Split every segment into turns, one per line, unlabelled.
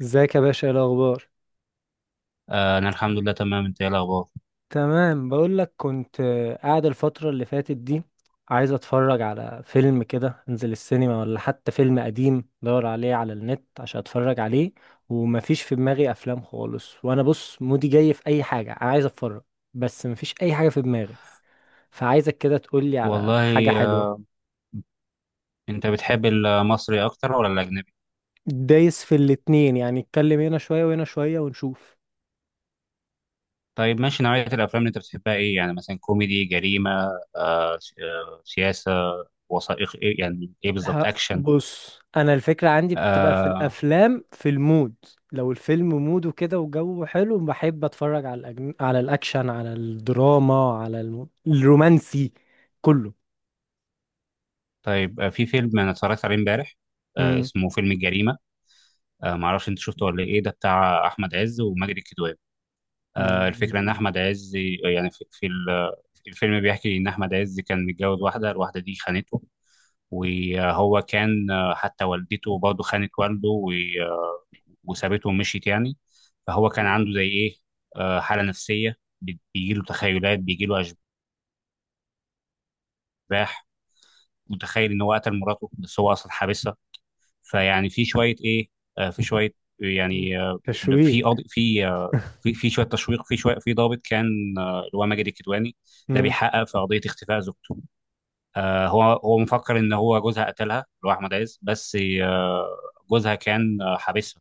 ازيك يا باشا؟ ايه الاخبار؟
أنا الحمد لله تمام، أنت إيه الأخبار؟
تمام. بقول لك كنت قاعد الفتره اللي فاتت دي عايز اتفرج على فيلم كده، انزل السينما ولا حتى فيلم قديم دور عليه على النت عشان اتفرج عليه. ومفيش في دماغي افلام خالص، وانا بص مودي جاي في اي حاجه انا عايز اتفرج. بس مفيش اي حاجه في دماغي. فعايزك كده تقولي على حاجه
والله آه،
حلوه.
أنت بتحب المصري أكتر ولا الأجنبي؟
دايس في الاتنين، يعني اتكلم هنا شويه وهنا شويه ونشوف.
طيب ماشي، نوعية الأفلام اللي أنت بتحبها إيه؟ يعني مثلا كوميدي، جريمة، سياسة، وثائقي، إيه يعني إيه بالظبط؟ أكشن؟
بص انا الفكره عندي بتبقى في
آه،
الافلام في المود. لو الفيلم موده كده وجوه حلو، بحب اتفرج على على الاكشن، على الدراما، على الرومانسي، كله.
طيب، في فيلم أنا اتفرجت عليه إمبارح،
امم.
اسمه فيلم الجريمة. معرفش أنت شفته ولا إيه، ده بتاع أحمد عز وماجد الكدواني. الفكرة إن أحمد عز يعني في الفيلم بيحكي إن أحمد عز كان متجوز واحدة، الواحدة دي خانته. وهو كان، حتى والدته برضه خانت والده وسابته ومشيت يعني. فهو كان عنده زي ايه، حالة نفسية، بيجي له تخيلات، بيجي له أشباح، متخيل إن هو قتل مراته بس هو أصلا حابسها. فيعني في شوية ايه، في شوية يعني، في
تشويق.
قاضي، في في في شويه تشويق، في شويه، في ضابط كان، اللي هو ماجد الكدواني، ده
امم.
بيحقق في قضيه اختفاء زوجته. آه، هو مفكر ان هو جوزها قتلها، اللي هو احمد عز، بس آه، جوزها كان آه، حابسها.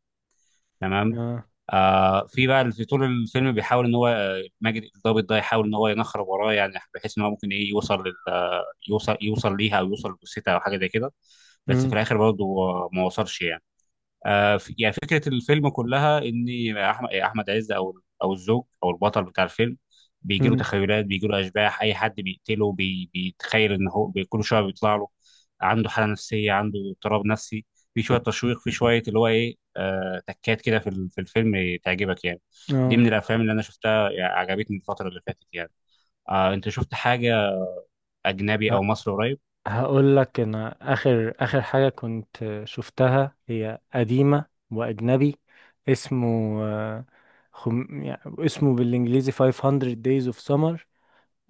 تمام.
اه.
آه، في بقى في طول الفيلم بيحاول ان هو، ماجد الضابط ده، يحاول ان هو ينخرب وراه، يعني بحيث ان هو ممكن ايه، يوصل لل يوصل ليها او يوصل لجثتها او حاجه زي كده. بس في الاخر برضه ما وصلش يعني. يعني فكرة الفيلم كلها إن أحمد عز، أو الزوج أو البطل بتاع الفيلم، بيجيله
امم.
تخيلات، بيجيله أشباح، أي حد بيقتله، بيتخيل إن هو كل شوية بيطلع له. عنده حالة نفسية، عنده اضطراب نفسي، في شوية تشويق، في شوية اللي هو إيه، آه، تكات كده في في الفيلم، تعجبك يعني. دي
اه.
من الأفلام اللي أنا شفتها يعني، عجبتني الفترة اللي فاتت يعني. آه، أنت شفت حاجة أجنبي أو مصري قريب؟
هقول لك، انا اخر اخر حاجه كنت شفتها هي قديمه واجنبي. اسمه آه، يعني اسمه بالانجليزي 500 days of summer.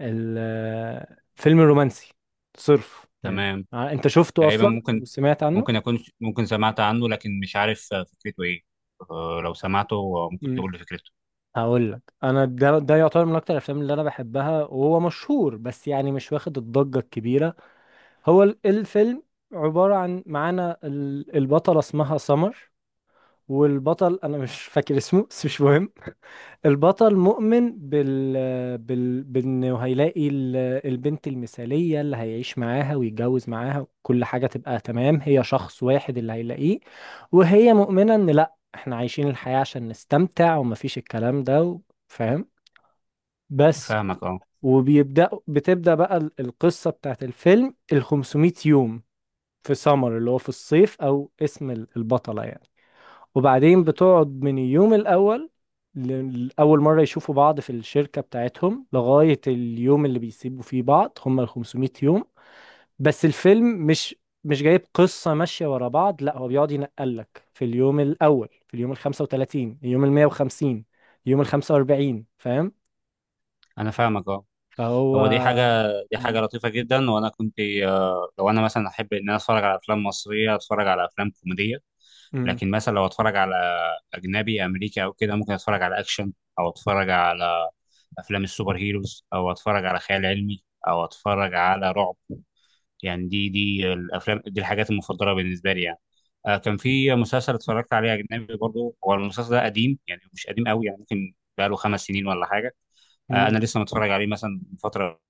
فيلم رومانسي صرف يعني.
تمام.
انت شفته
تقريبا،
اصلا
ممكن،
وسمعت عنه؟
ممكن اكون ممكن سمعت عنه، لكن مش عارف فكرته ايه. لو سمعته ممكن
امم.
تقول لي فكرته.
هقول لك انا، ده يعتبر من اكتر الافلام اللي انا بحبها، وهو مشهور بس يعني مش واخد الضجه الكبيره. هو الفيلم عباره عن، معانا البطله اسمها سمر، والبطل انا مش فاكر اسمه بس مش مهم. البطل مؤمن بال بانه هيلاقي البنت المثالية اللي هيعيش معاها ويتجوز معاها، كل حاجة تبقى تمام، هي شخص واحد اللي هيلاقيه. وهي مؤمنة ان لا، احنا عايشين الحياة عشان نستمتع ومفيش الكلام ده فاهم؟ بس.
فاهمك، اه.
بتبدأ بقى القصة بتاعت الفيلم، ال 500 يوم في سمر اللي هو في الصيف، او اسم البطلة يعني. وبعدين بتقعد من اليوم الأول، لأول مرة يشوفوا بعض في الشركة بتاعتهم، لغاية اليوم اللي بيسيبوا فيه بعض، هم ال 500 يوم. بس الفيلم مش جايب قصة ماشية ورا بعض، لا، هو بيقعد ينقلك في اليوم الأول، في اليوم ال 35، اليوم ال 150، اليوم ال 45، فاهم؟
انا فاهمك اه.
فهو.
هو دي حاجه، دي حاجه لطيفه جدا. وانا كنت لو انا مثلا احب ان انا اتفرج على افلام مصريه، اتفرج على افلام كوميديه.
امم.
لكن مثلا لو اتفرج على اجنبي امريكي او كده، ممكن اتفرج على اكشن، او اتفرج على افلام السوبر هيروز، او اتفرج على خيال علمي، او اتفرج على رعب. يعني دي الافلام، دي الحاجات المفضله بالنسبه لي يعني. آه، كان في مسلسل اتفرجت عليه اجنبي برضه، هو المسلسل ده قديم يعني، مش قديم قوي يعني، ممكن بقاله 5 سنين ولا حاجه. آه،
امم.
انا لسه متفرج عليه مثلا من فتره.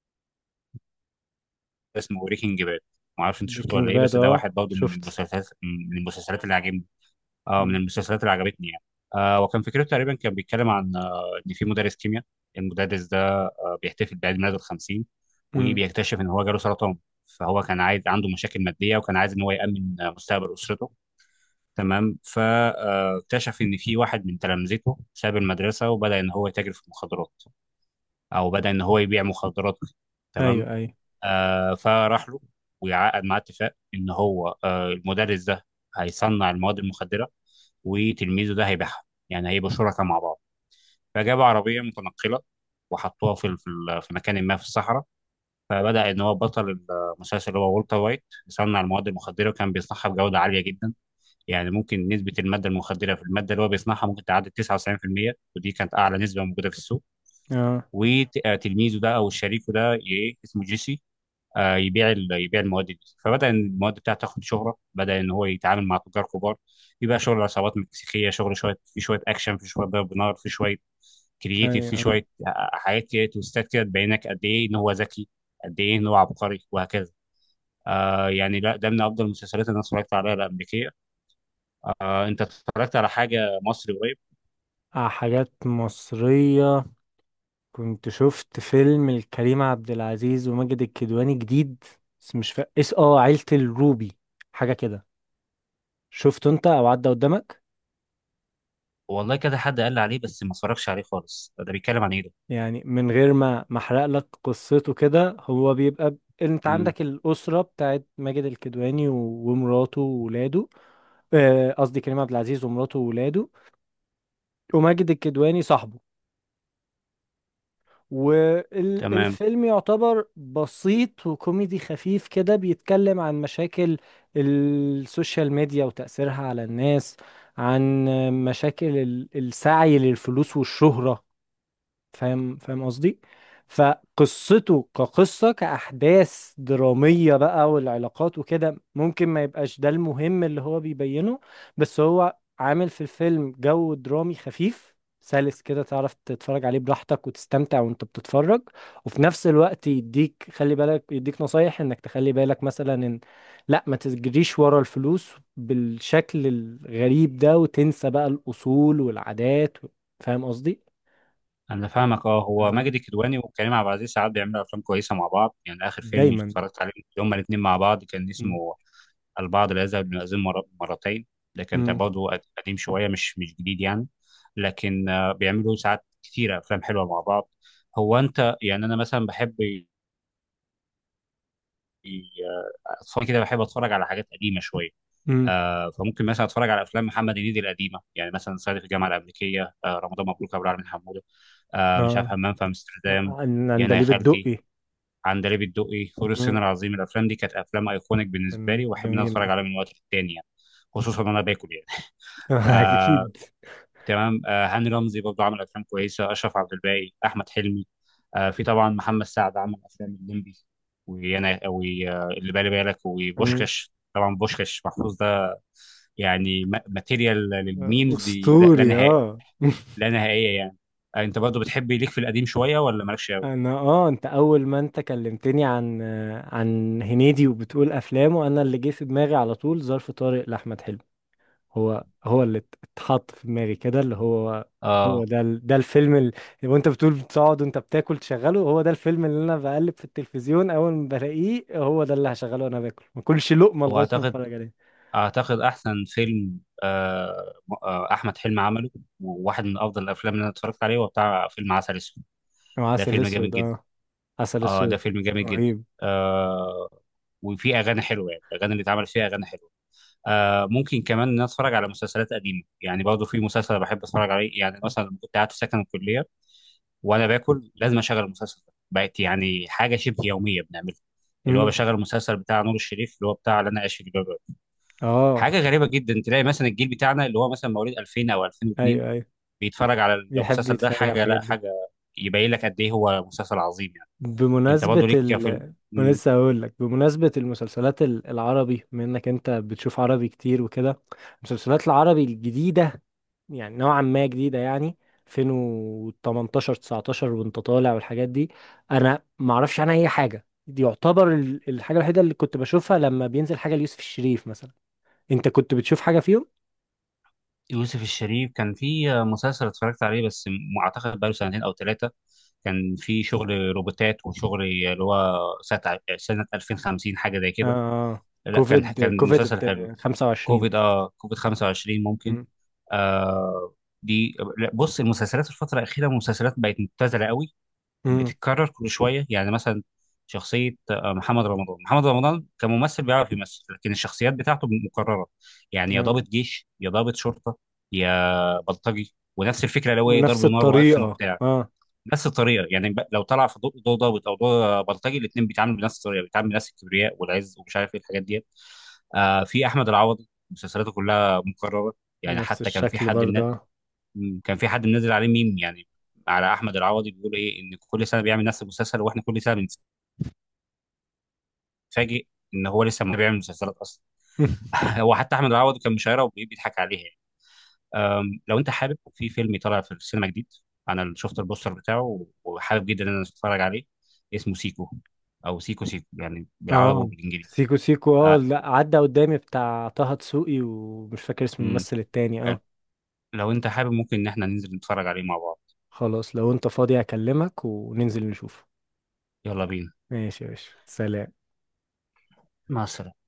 اسمه بريكنج باد. ما اعرفش انت شفته
بريكنج
ولا ايه،
باد،
بس ده
اه
واحد برضه من
شفت.
المسلسلات، من المسلسلات اللي عجبني. اه، من المسلسلات اللي عجبتني يعني. آه، وكان فكرته تقريبا، كان بيتكلم عن آه، ان في مدرس كيمياء، المدرس ده بيحتفل بعيد ميلاده ال 50،
امم.
وبيكتشف ان هو جاله سرطان. فهو كان عايز، عنده مشاكل ماديه، وكان عايز ان هو يامن مستقبل اسرته. تمام. فاكتشف ان في واحد من تلامذته ساب المدرسه وبدا ان هو يتاجر في المخدرات، او بدا ان هو يبيع مخدرات. تمام.
ايوه ايوه.
آه، فراح له ويعقد معاه اتفاق ان هو آه، المدرس ده هيصنع المواد المخدره، وتلميذه ده هيبيعها، يعني هيبقوا شركاء مع بعض. فجابوا عربيه متنقله وحطوها في مكان ما في الصحراء. فبدأ إن هو بطل المسلسل اللي هو والتر وايت، يصنع المواد المخدرة، وكان بيصنعها بجودة عالية جدا. يعني ممكن نسبة المادة المخدرة في المادة اللي هو بيصنعها ممكن تعدي 99%، ودي كانت أعلى نسبة موجودة في السوق.
اه.
وتلميذه ده أو شريكه ده، إيه اسمه، جيسي، يبيع يبيع المواد دي. فبدا إن المواد بتاعته تاخد شهره، بدا ان هو يتعامل مع تجار كبار. يبقى شغل عصابات مكسيكيه، شغل شويه، في شويه اكشن، في شويه ضرب نار، في شويه كرييتيف،
ايوه.
في
اه.
شويه حاجات كده، تويستات كده، تبينك قد ايه ان هو ذكي، قد ايه ان هو عبقري، وهكذا. آه، يعني لا، ده من افضل المسلسلات اللي انا اتفرجت عليها الامريكيه. آه، انت اتفرجت على حاجه مصري قريب؟
حاجات مصرية. كنت شفت فيلم لكريم عبد العزيز وماجد الكدواني جديد، بس مش فا... اس اه عيلة الروبي، حاجة كده. شفته انت او عدى قدامك؟
والله كذا حد قال لي عليه بس ما اتفرجش عليه خالص. ده بيتكلم عن ايه ده؟
يعني من غير ما احرق لك قصته كده، هو بيبقى انت
امم.
عندك الأسرة بتاعت ماجد الكدواني ومراته وولاده، قصدي كريم عبد العزيز ومراته وولاده، وماجد الكدواني صاحبه.
تمام.
والفيلم يعتبر بسيط وكوميدي خفيف كده، بيتكلم عن مشاكل السوشيال ميديا وتأثيرها على الناس، عن مشاكل السعي للفلوس والشهرة، فاهم؟ فاهم قصدي؟ فقصته كقصة كأحداث درامية بقى والعلاقات وكده ممكن ما يبقاش ده المهم اللي هو بيبينه. بس هو عامل في الفيلم جو درامي خفيف سلس كده، تعرف تتفرج عليه براحتك وتستمتع وانت بتتفرج. وفي نفس الوقت يديك، خلي بالك، يديك نصايح انك تخلي بالك مثلا ان لا، ما تجريش ورا الفلوس بالشكل الغريب ده وتنسى بقى الأصول والعادات. فاهم قصدي؟
انا فاهمك اه. هو ماجد الكدواني وكريم عبد العزيز ساعات بيعملوا افلام كويسه مع بعض، يعني اخر فيلم
دايما.
اتفرجت عليه هما الاثنين مع بعض كان
مم.
اسمه البعض لا يذهب للمأذون مرتين. ده كان
مم.
برضه قديم شويه، مش جديد يعني. لكن بيعملوا ساعات كتيره افلام حلوه مع بعض. هو انت يعني، انا مثلا بحب ي- اتفرج كده، بحب اتفرج على حاجات قديمه شويه.
مم.
آه، فممكن مثلا اتفرج على افلام محمد هنيدي القديمه، يعني مثلا صعيدي في الجامعه الامريكيه، آه، رمضان مبروك ابو العلمين حمود، آه، مش عارف،
اه.
همام في امستردام، يا انا يا
عندليب
خالتي،
الدقي.
عندليب الدقي، فول الصين
مم.
العظيم. الافلام دي كانت افلام ايكونيك بالنسبه
كان
لي، واحب ان انا
جميل
اتفرج
آه.
عليها من وقت للتاني يعني، خصوصا وانا باكل يعني. آه،
اكيد.
تمام. آه، هاني رمزي برضه عمل افلام كويسه، اشرف عبد الباقي، احمد حلمي. آه، في طبعا محمد سعد عمل افلام الليمبي، وانا واللي بالي بالك،
مم.
وبوشكاش. طبعا بوشكاش محفوظ ده يعني ماتيريال للميمز، لا
اسطوري
نهائي،
اه.
لا نهائيه يعني. انت برضه بتحب ليك في القديم شويه ولا مالكش؟
انا اه، انت اول ما انت كلمتني عن هنيدي وبتقول افلامه، انا اللي جه في دماغي على طول ظرف طارق لاحمد حلمي. هو اللي اتحط في دماغي كده، اللي هو هو
اه.
ده ده الفيلم اللي وانت بتقول بتقعد وانت بتاكل تشغله، هو ده الفيلم اللي انا بقلب في التلفزيون اول ما بلاقيه هو ده اللي هشغله، وانا باكل ما كلش لقمه
هو
لغايه ما
اعتقد،
اتفرج عليه.
احسن فيلم احمد حلمي عمله، وواحد من افضل الافلام اللي انا اتفرجت عليه، هو بتاع فيلم عسل اسود.
مع
ده
عسل
فيلم جامد
اسود
جدا.
اه. عسل
اه، ده
اسود
فيلم جامد جدا.
رهيب.
آه، وفيه اغاني حلوه يعني، الاغاني اللي اتعمل فيها اغاني حلوه. آه، ممكن كمان ان أنا اتفرج على مسلسلات قديمه يعني. برضه في مسلسل بحب اتفرج عليه يعني مثلا لما كنت قاعد في سكن الكليه، وانا باكل لازم اشغل المسلسل ده، بقت يعني حاجه شبه يوميه بنعملها، اللي هو
امم.
بشغل المسلسل بتاع نور الشريف، اللي هو بتاع اللي انا عايش في جلباب.
اه.
حاجه غريبه جدا تلاقي مثلا الجيل بتاعنا اللي هو مثلا مواليد 2000 او 2002
ايوه ايوه.
بيتفرج على
بيحب
المسلسل ده،
يتفرج على
حاجه
الحاجات
لا
دي.
حاجه، يبين لك قد ايه هو مسلسل عظيم يعني. انت
بمناسبة
برضه ليك
ال،
في
أنا
م-
لسه هقول لك، بمناسبة المسلسلات العربي، بما انك انت بتشوف عربي كتير وكده، المسلسلات العربي الجديدة يعني نوعا ما جديدة يعني، 2018، 19 وانت طالع والحاجات دي. انا ما اعرفش عنها اي حاجة. دي يعتبر الحاجة الوحيدة اللي كنت بشوفها، لما بينزل حاجة ليوسف الشريف مثلا. انت كنت بتشوف حاجة فيهم؟
يوسف الشريف كان في مسلسل اتفرجت عليه بس اعتقد بقاله سنتين او 3. كان في شغل روبوتات، وشغل اللي هو سنه سنه 2050، حاجه زي كده.
اه.
لا، كان
كوفيد
كان مسلسل
كوفيد
حلو.
25.
كوفيد، اه، كوفيد 25 ممكن.
مم.
آه. دي لا، بص، المسلسلات الفتره الاخيره مسلسلات بقت مبتذله قوي،
مم.
بتتكرر كل شويه. يعني مثلا شخصيه محمد رمضان، محمد رمضان كممثل بيعرف يمثل، لكن الشخصيات بتاعته مكرره. يعني يا
آه.
ضابط جيش، يا ضابط شرطه، يا بلطجي، ونفس الفكره، اللي هو إيه، ضرب
ونفس
نار واكشن
الطريقة
وبتاع.
اه.
نفس الطريقه يعني، لو طلع في دور، ضابط او دور بلطجي، الاثنين بيتعاملوا بنفس الطريقه، بيتعاملوا بنفس الكبرياء والعز ومش عارف ايه الحاجات ديت. آه، في احمد العوضي مسلسلاته كلها مكرره، يعني
نفس
حتى كان في
الشكل
حد
برضه
من،
آه.
مم، كان في حد منزل عليه ميم يعني على احمد العوضي، بيقول ايه ان كل سنه بيعمل نفس المسلسل، واحنا كل سنه بنتفاجئ ان هو لسه ما بيعمل مسلسلات اصلا. هو حتى احمد العوضي كان مشايره وبيضحك عليها يعني. لو انت حابب، في فيلم طالع في السينما جديد، انا شفت البوستر بتاعه وحابب جدا ان انا اتفرج عليه، اسمه سيكو، او سيكو سيكو يعني، بالعربي
اه.
وبالانجليزي.
سيكو سيكو اه،
أه،
لا عدى قدامي بتاع طه دسوقي ومش فاكر اسم
امم،
الممثل التاني اه.
لو انت حابب ممكن ان احنا ننزل نتفرج عليه مع بعض.
خلاص، لو انت فاضي اكلمك وننزل نشوف.
يلا بينا.
ماشي يا باشا، سلام.
مع السلامه.